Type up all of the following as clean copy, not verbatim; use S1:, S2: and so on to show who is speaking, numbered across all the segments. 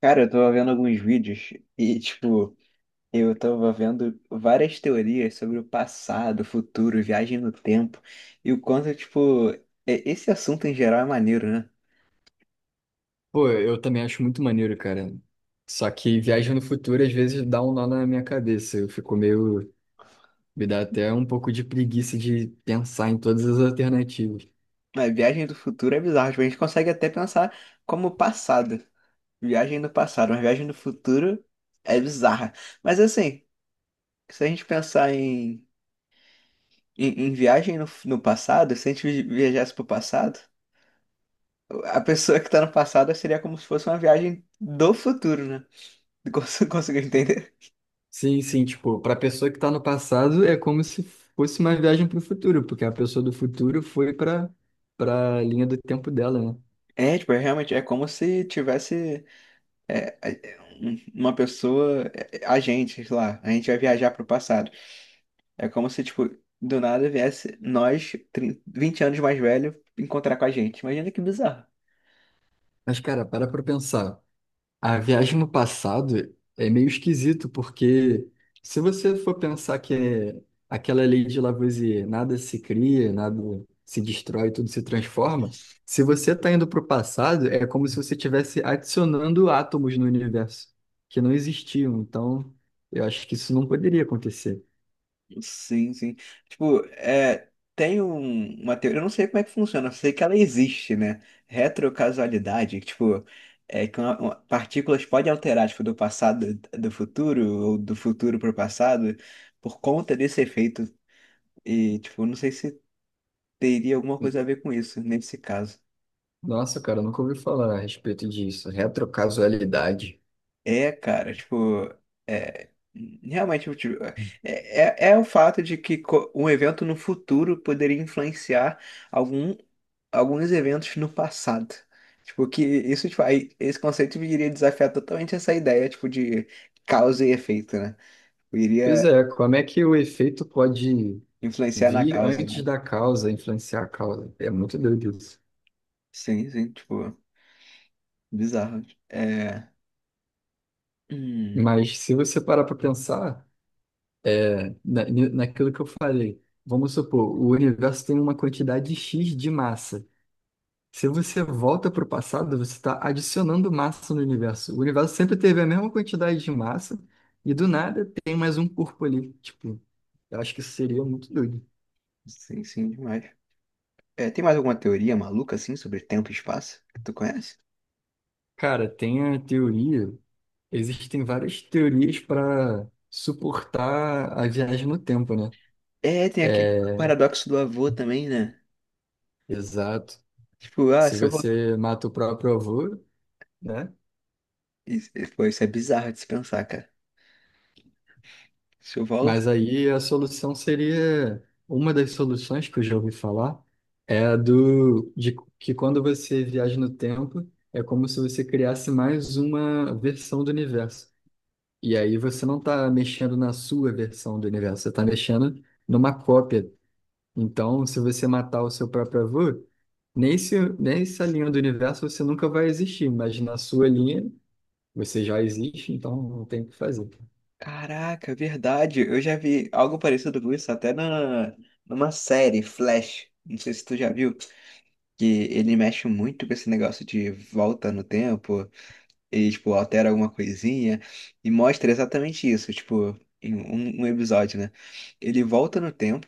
S1: Cara, eu tava vendo alguns vídeos e, tipo, eu tava vendo várias teorias sobre o passado, futuro, viagem no tempo e o quanto, tipo, esse assunto em geral é maneiro, né?
S2: Pô, eu também acho muito maneiro, cara. Só que viagem no futuro às vezes dá um nó na minha cabeça. Eu fico meio. Me dá até um pouco de preguiça de pensar em todas as alternativas.
S1: A viagem do futuro é bizarro, tipo, a gente consegue até pensar como passado, viagem no passado, mas viagem no futuro é bizarra. Mas assim, se a gente pensar em viagem no passado, se a gente viajasse pro passado, a pessoa que tá no passado seria como se fosse uma viagem do futuro, né? Conseguiu entender?
S2: Sim, sim, tipo, pra pessoa que tá no passado é como se fosse uma viagem pro futuro, porque a pessoa do futuro foi pra linha do tempo dela, né?
S1: É, tipo, é realmente, é como se tivesse uma pessoa, a gente, sei lá, a gente vai viajar pro passado. É como se, tipo, do nada viesse nós, 30, 20 anos mais velho, encontrar com a gente. Imagina que bizarro.
S2: Mas, cara, para pra pensar. A viagem no passado é meio esquisito, porque se você for pensar que é aquela lei de Lavoisier, nada se cria, nada se destrói, tudo se transforma, se você está indo para o passado, é como se você estivesse adicionando átomos no universo que não existiam. Então, eu acho que isso não poderia acontecer.
S1: Sim, sim. Tipo, tem uma teoria, eu não sei como é que funciona, eu sei que ela existe, né? Retrocausalidade, que, tipo, é que partículas podem alterar, tipo, do passado do futuro ou do futuro para o passado por conta desse efeito. E, tipo, não sei se teria alguma coisa a ver com isso nesse caso.
S2: Nossa, cara, eu nunca ouvi falar a respeito disso. Retrocausalidade.
S1: É, cara, tipo, é, realmente, tipo, é o fato de que um evento no futuro poderia influenciar algum alguns eventos no passado. Tipo, que isso, tipo, aí, esse conceito iria desafiar totalmente essa ideia, tipo, de causa e efeito, né?
S2: Pois
S1: Iria
S2: é, como é que o efeito pode
S1: influenciar na
S2: vi
S1: causa,
S2: antes
S1: né?
S2: da causa influenciar a causa. É muito doido isso.
S1: Sim, sim, tipo, bizarro. É. Hum,
S2: Mas se você parar para pensar naquilo que eu falei, vamos supor, o universo tem uma quantidade X de massa. Se você volta para o passado, você está adicionando massa no universo. O universo sempre teve a mesma quantidade de massa e do nada tem mais um corpo ali. Tipo, eu acho que isso seria muito doido.
S1: sim, sim, demais. É, tem mais alguma teoria maluca, assim, sobre tempo e espaço que tu conhece?
S2: Cara, tem a teoria, existem várias teorias para suportar a viagem no tempo, né?
S1: É, tem aquele
S2: É,
S1: paradoxo do avô também, né?
S2: exato.
S1: Tipo, ah,
S2: Se
S1: se eu voltar.
S2: você mata o próprio avô, né?
S1: Isso, pô, isso é bizarro de se pensar, cara. Se eu volto.
S2: Mas aí a solução seria, uma das soluções que eu já ouvi falar é a do de que quando você viaja no tempo, é como se você criasse mais uma versão do universo. E aí você não está mexendo na sua versão do universo, você está mexendo numa cópia. Então, se você matar o seu próprio avô, nessa linha do universo você nunca vai existir, mas na sua linha você já existe, então não tem o que fazer.
S1: Caraca, verdade. Eu já vi algo parecido com isso até numa série, Flash. Não sei se tu já viu, que ele mexe muito com esse negócio de volta no tempo e, tipo, altera alguma coisinha e mostra exatamente isso, tipo, em um episódio, né? Ele volta no tempo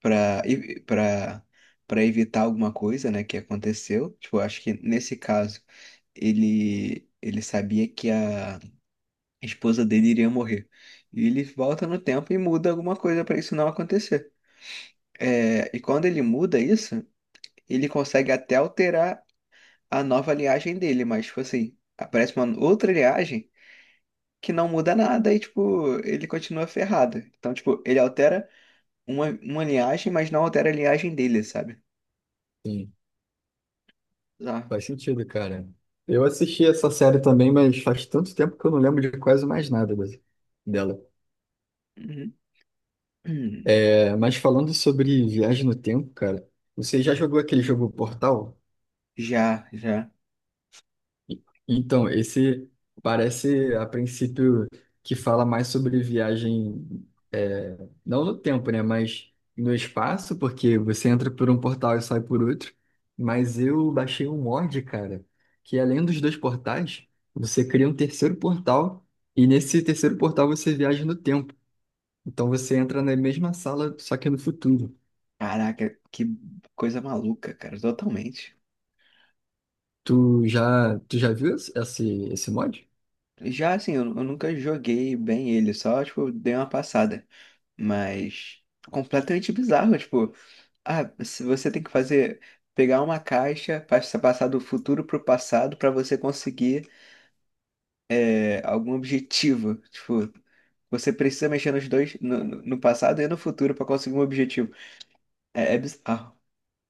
S1: pra, e- pra, pra evitar alguma coisa, né, que aconteceu. Tipo, acho que nesse caso, ele sabia que a esposa dele iria morrer. E ele volta no tempo e muda alguma coisa para isso não acontecer. É, e quando ele muda isso, ele consegue até alterar a nova linhagem dele, mas, tipo assim, aparece uma outra linhagem que não muda nada e, tipo, ele continua ferrado. Então, tipo, ele altera uma linhagem, mas não altera a linhagem dele, sabe?
S2: Sim,
S1: Já.
S2: faz sentido, cara. Eu assisti essa série também, mas faz tanto tempo que eu não lembro de quase mais nada dela.
S1: Uhum. Hum.
S2: É, mas falando sobre viagem no tempo, cara, você já jogou aquele jogo Portal?
S1: Já, já.
S2: Então, esse parece, a princípio, que fala mais sobre viagem, é, não no tempo, né? Mas no espaço, porque você entra por um portal e sai por outro. Mas eu baixei um mod, cara, que além dos dois portais, você cria um terceiro portal, e nesse terceiro portal você viaja no tempo. Então você entra na mesma sala, só que no futuro.
S1: Caraca, que coisa maluca, cara, totalmente.
S2: Tu já viu esse esse mod?
S1: Já assim, eu nunca joguei bem ele, só, tipo, dei uma passada. Mas completamente bizarro, tipo, ah, se você tem que fazer, pegar uma caixa, passar do futuro pro passado pra você conseguir é, algum objetivo. Tipo, você precisa mexer nos dois, no passado e no futuro pra conseguir um objetivo. É bizarro.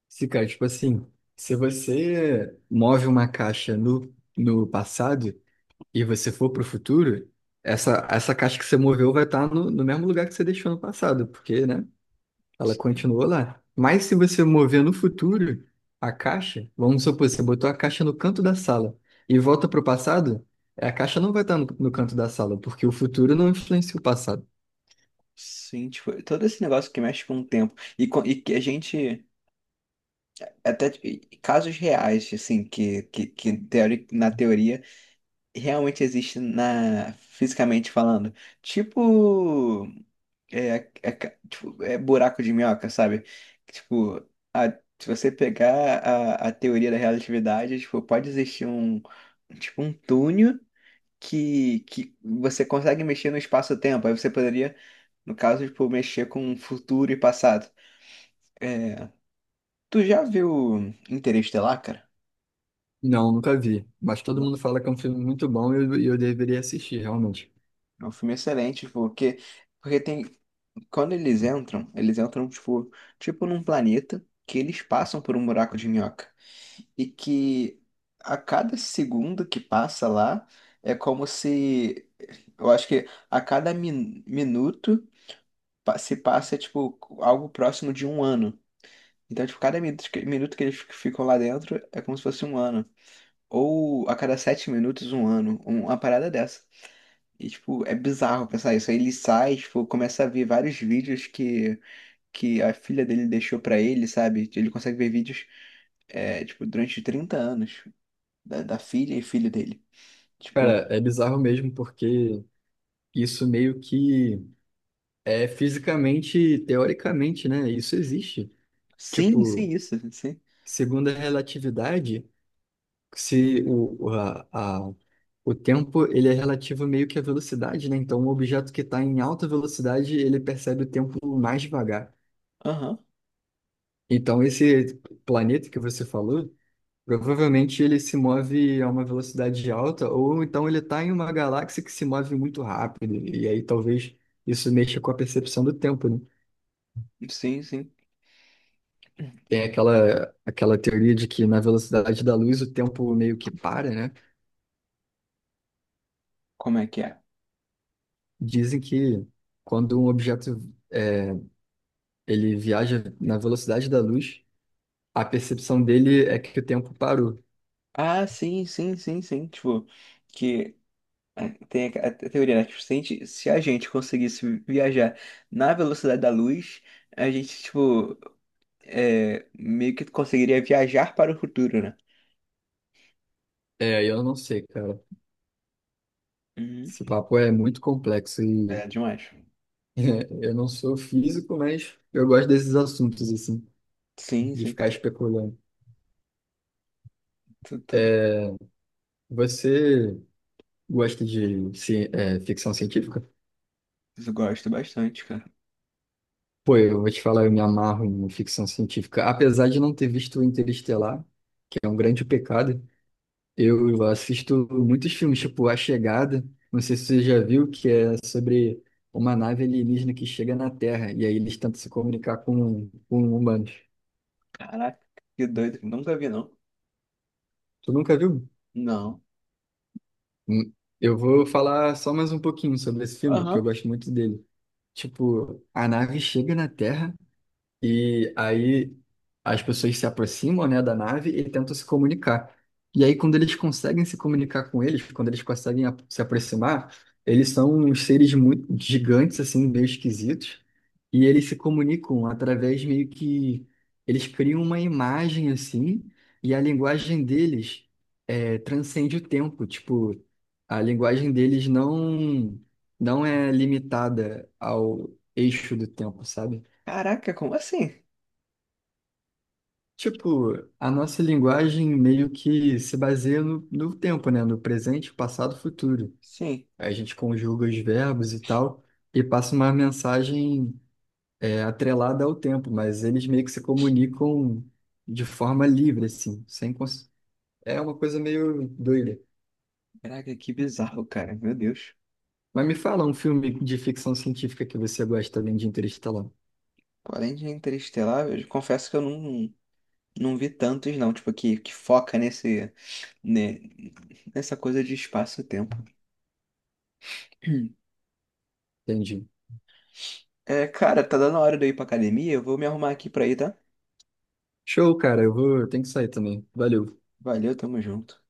S2: Se, cara, tipo assim, se você move uma caixa no passado e você for pro futuro, essa caixa que você moveu vai estar no mesmo lugar que você deixou no passado, porque, né, ela
S1: Sim,
S2: continuou lá. Mas se você mover no futuro a caixa, vamos supor, você botou a caixa no canto da sala e volta pro passado, a caixa não vai estar no canto da sala, porque o futuro não influencia o passado.
S1: sim, tipo, todo esse negócio que mexe com o tempo. E que a gente. Até casos reais, assim, na teoria realmente existe na fisicamente falando. Tipo, é, tipo, é buraco de minhoca, sabe? Tipo, a- se você pegar a teoria da relatividade, tipo, pode existir um tipo um túnel que você consegue mexer no espaço-tempo. Aí você poderia, no caso, tipo, mexer com futuro e passado. É, tu já viu Interestelar, cara?
S2: Não, nunca vi. Mas todo
S1: Não.
S2: mundo fala que é um filme muito bom e eu deveria assistir, realmente.
S1: É um filme excelente, tipo, porque, porque tem Quando eles entram tipo num planeta que eles passam por um buraco de minhoca. E que a cada segundo que passa lá é como se. Eu acho que a cada minuto se passa tipo algo próximo de um ano. Então, tipo, cada minuto que eles ficam lá dentro é como se fosse um ano. Ou a cada 7 minutos, um ano. Uma parada dessa. E, tipo, é bizarro pensar isso. Aí ele sai, tipo, começa a ver vários vídeos que a filha dele deixou pra ele, sabe? Ele consegue ver vídeos, é, tipo, durante 30 anos da filha e filho dele. Tipo,
S2: Cara, é bizarro mesmo, porque isso meio que é fisicamente, teoricamente, né? Isso existe.
S1: sim, sim,
S2: Tipo,
S1: isso, sim.
S2: segundo a relatividade, se o, o- a- o tempo ele é relativo meio que à velocidade, né? Então, um objeto que está em alta velocidade, ele percebe o tempo mais devagar.
S1: Aham,
S2: Então, esse planeta que você falou. Provavelmente ele se move a uma velocidade alta, ou então ele está em uma galáxia que se move muito rápido, e aí talvez isso mexa com a percepção do tempo, né?
S1: sim, sim.
S2: Tem aquela teoria de que na velocidade da luz o tempo meio que para, né?
S1: Como é que é?
S2: Dizem que quando um objeto é, ele viaja na velocidade da luz, a percepção dele é que o tempo parou.
S1: Ah, sim, sim, sim, sim. Tipo, que é, tem a teoria, né? Tipo, se a gente conseguisse viajar na velocidade da luz, a gente, tipo, meio que conseguiria viajar para o futuro, né?
S2: É, eu não sei, cara.
S1: Uhum.
S2: Esse papo é muito complexo
S1: É
S2: e
S1: demais.
S2: eu não sou físico, mas eu gosto desses assuntos, assim,
S1: Sim,
S2: de
S1: sim.
S2: ficar especulando.
S1: Tudo,
S2: Você gosta de ficção científica?
S1: isso eu gosto bastante, cara.
S2: Pô, eu vou te falar, eu me amarro em ficção científica. Apesar de não ter visto o Interestelar, que é um grande pecado, eu assisto muitos filmes, tipo A Chegada, não sei se você já viu, que é sobre uma nave alienígena que chega na Terra e aí eles tentam se comunicar com humanos.
S1: Caraca, que doido. Nunca vi, não.
S2: Tu nunca viu?
S1: Não.
S2: Hum, Eu vou falar só mais um pouquinho sobre esse filme, que
S1: Aham.
S2: eu gosto muito dele. Tipo, a nave chega na Terra. E aí as pessoas se aproximam, né, da nave e tentam se comunicar. E aí quando eles conseguem se comunicar com eles, quando eles conseguem se aproximar, eles são uns seres muito gigantes assim, meio esquisitos, e eles se comunicam através meio que eles criam uma imagem assim, e a linguagem deles transcende o tempo, tipo, a linguagem deles não é limitada ao eixo do tempo, sabe?
S1: Caraca, como assim?
S2: Tipo, a nossa linguagem meio que se baseia no tempo, né? No presente, passado, futuro.
S1: Sim.
S2: A gente conjuga os verbos e tal e passa uma mensagem atrelada ao tempo, mas eles meio que se comunicam de forma livre, assim, sem cons... É uma coisa meio doida.
S1: Caraca, que bizarro, cara. Meu Deus.
S2: Mas me fala um filme de ficção científica que você gosta além de Interestelar.
S1: Pô, além de Interestelar, eu confesso que eu não vi tantos, não. Tipo, que foca nesse, ne- nessa coisa de espaço-tempo.
S2: Entendi.
S1: É, cara, tá dando a hora de eu ir pra academia. Eu vou me arrumar aqui pra ir, tá?
S2: Show, cara. Eu tenho que sair também. Valeu.
S1: Valeu, tamo junto.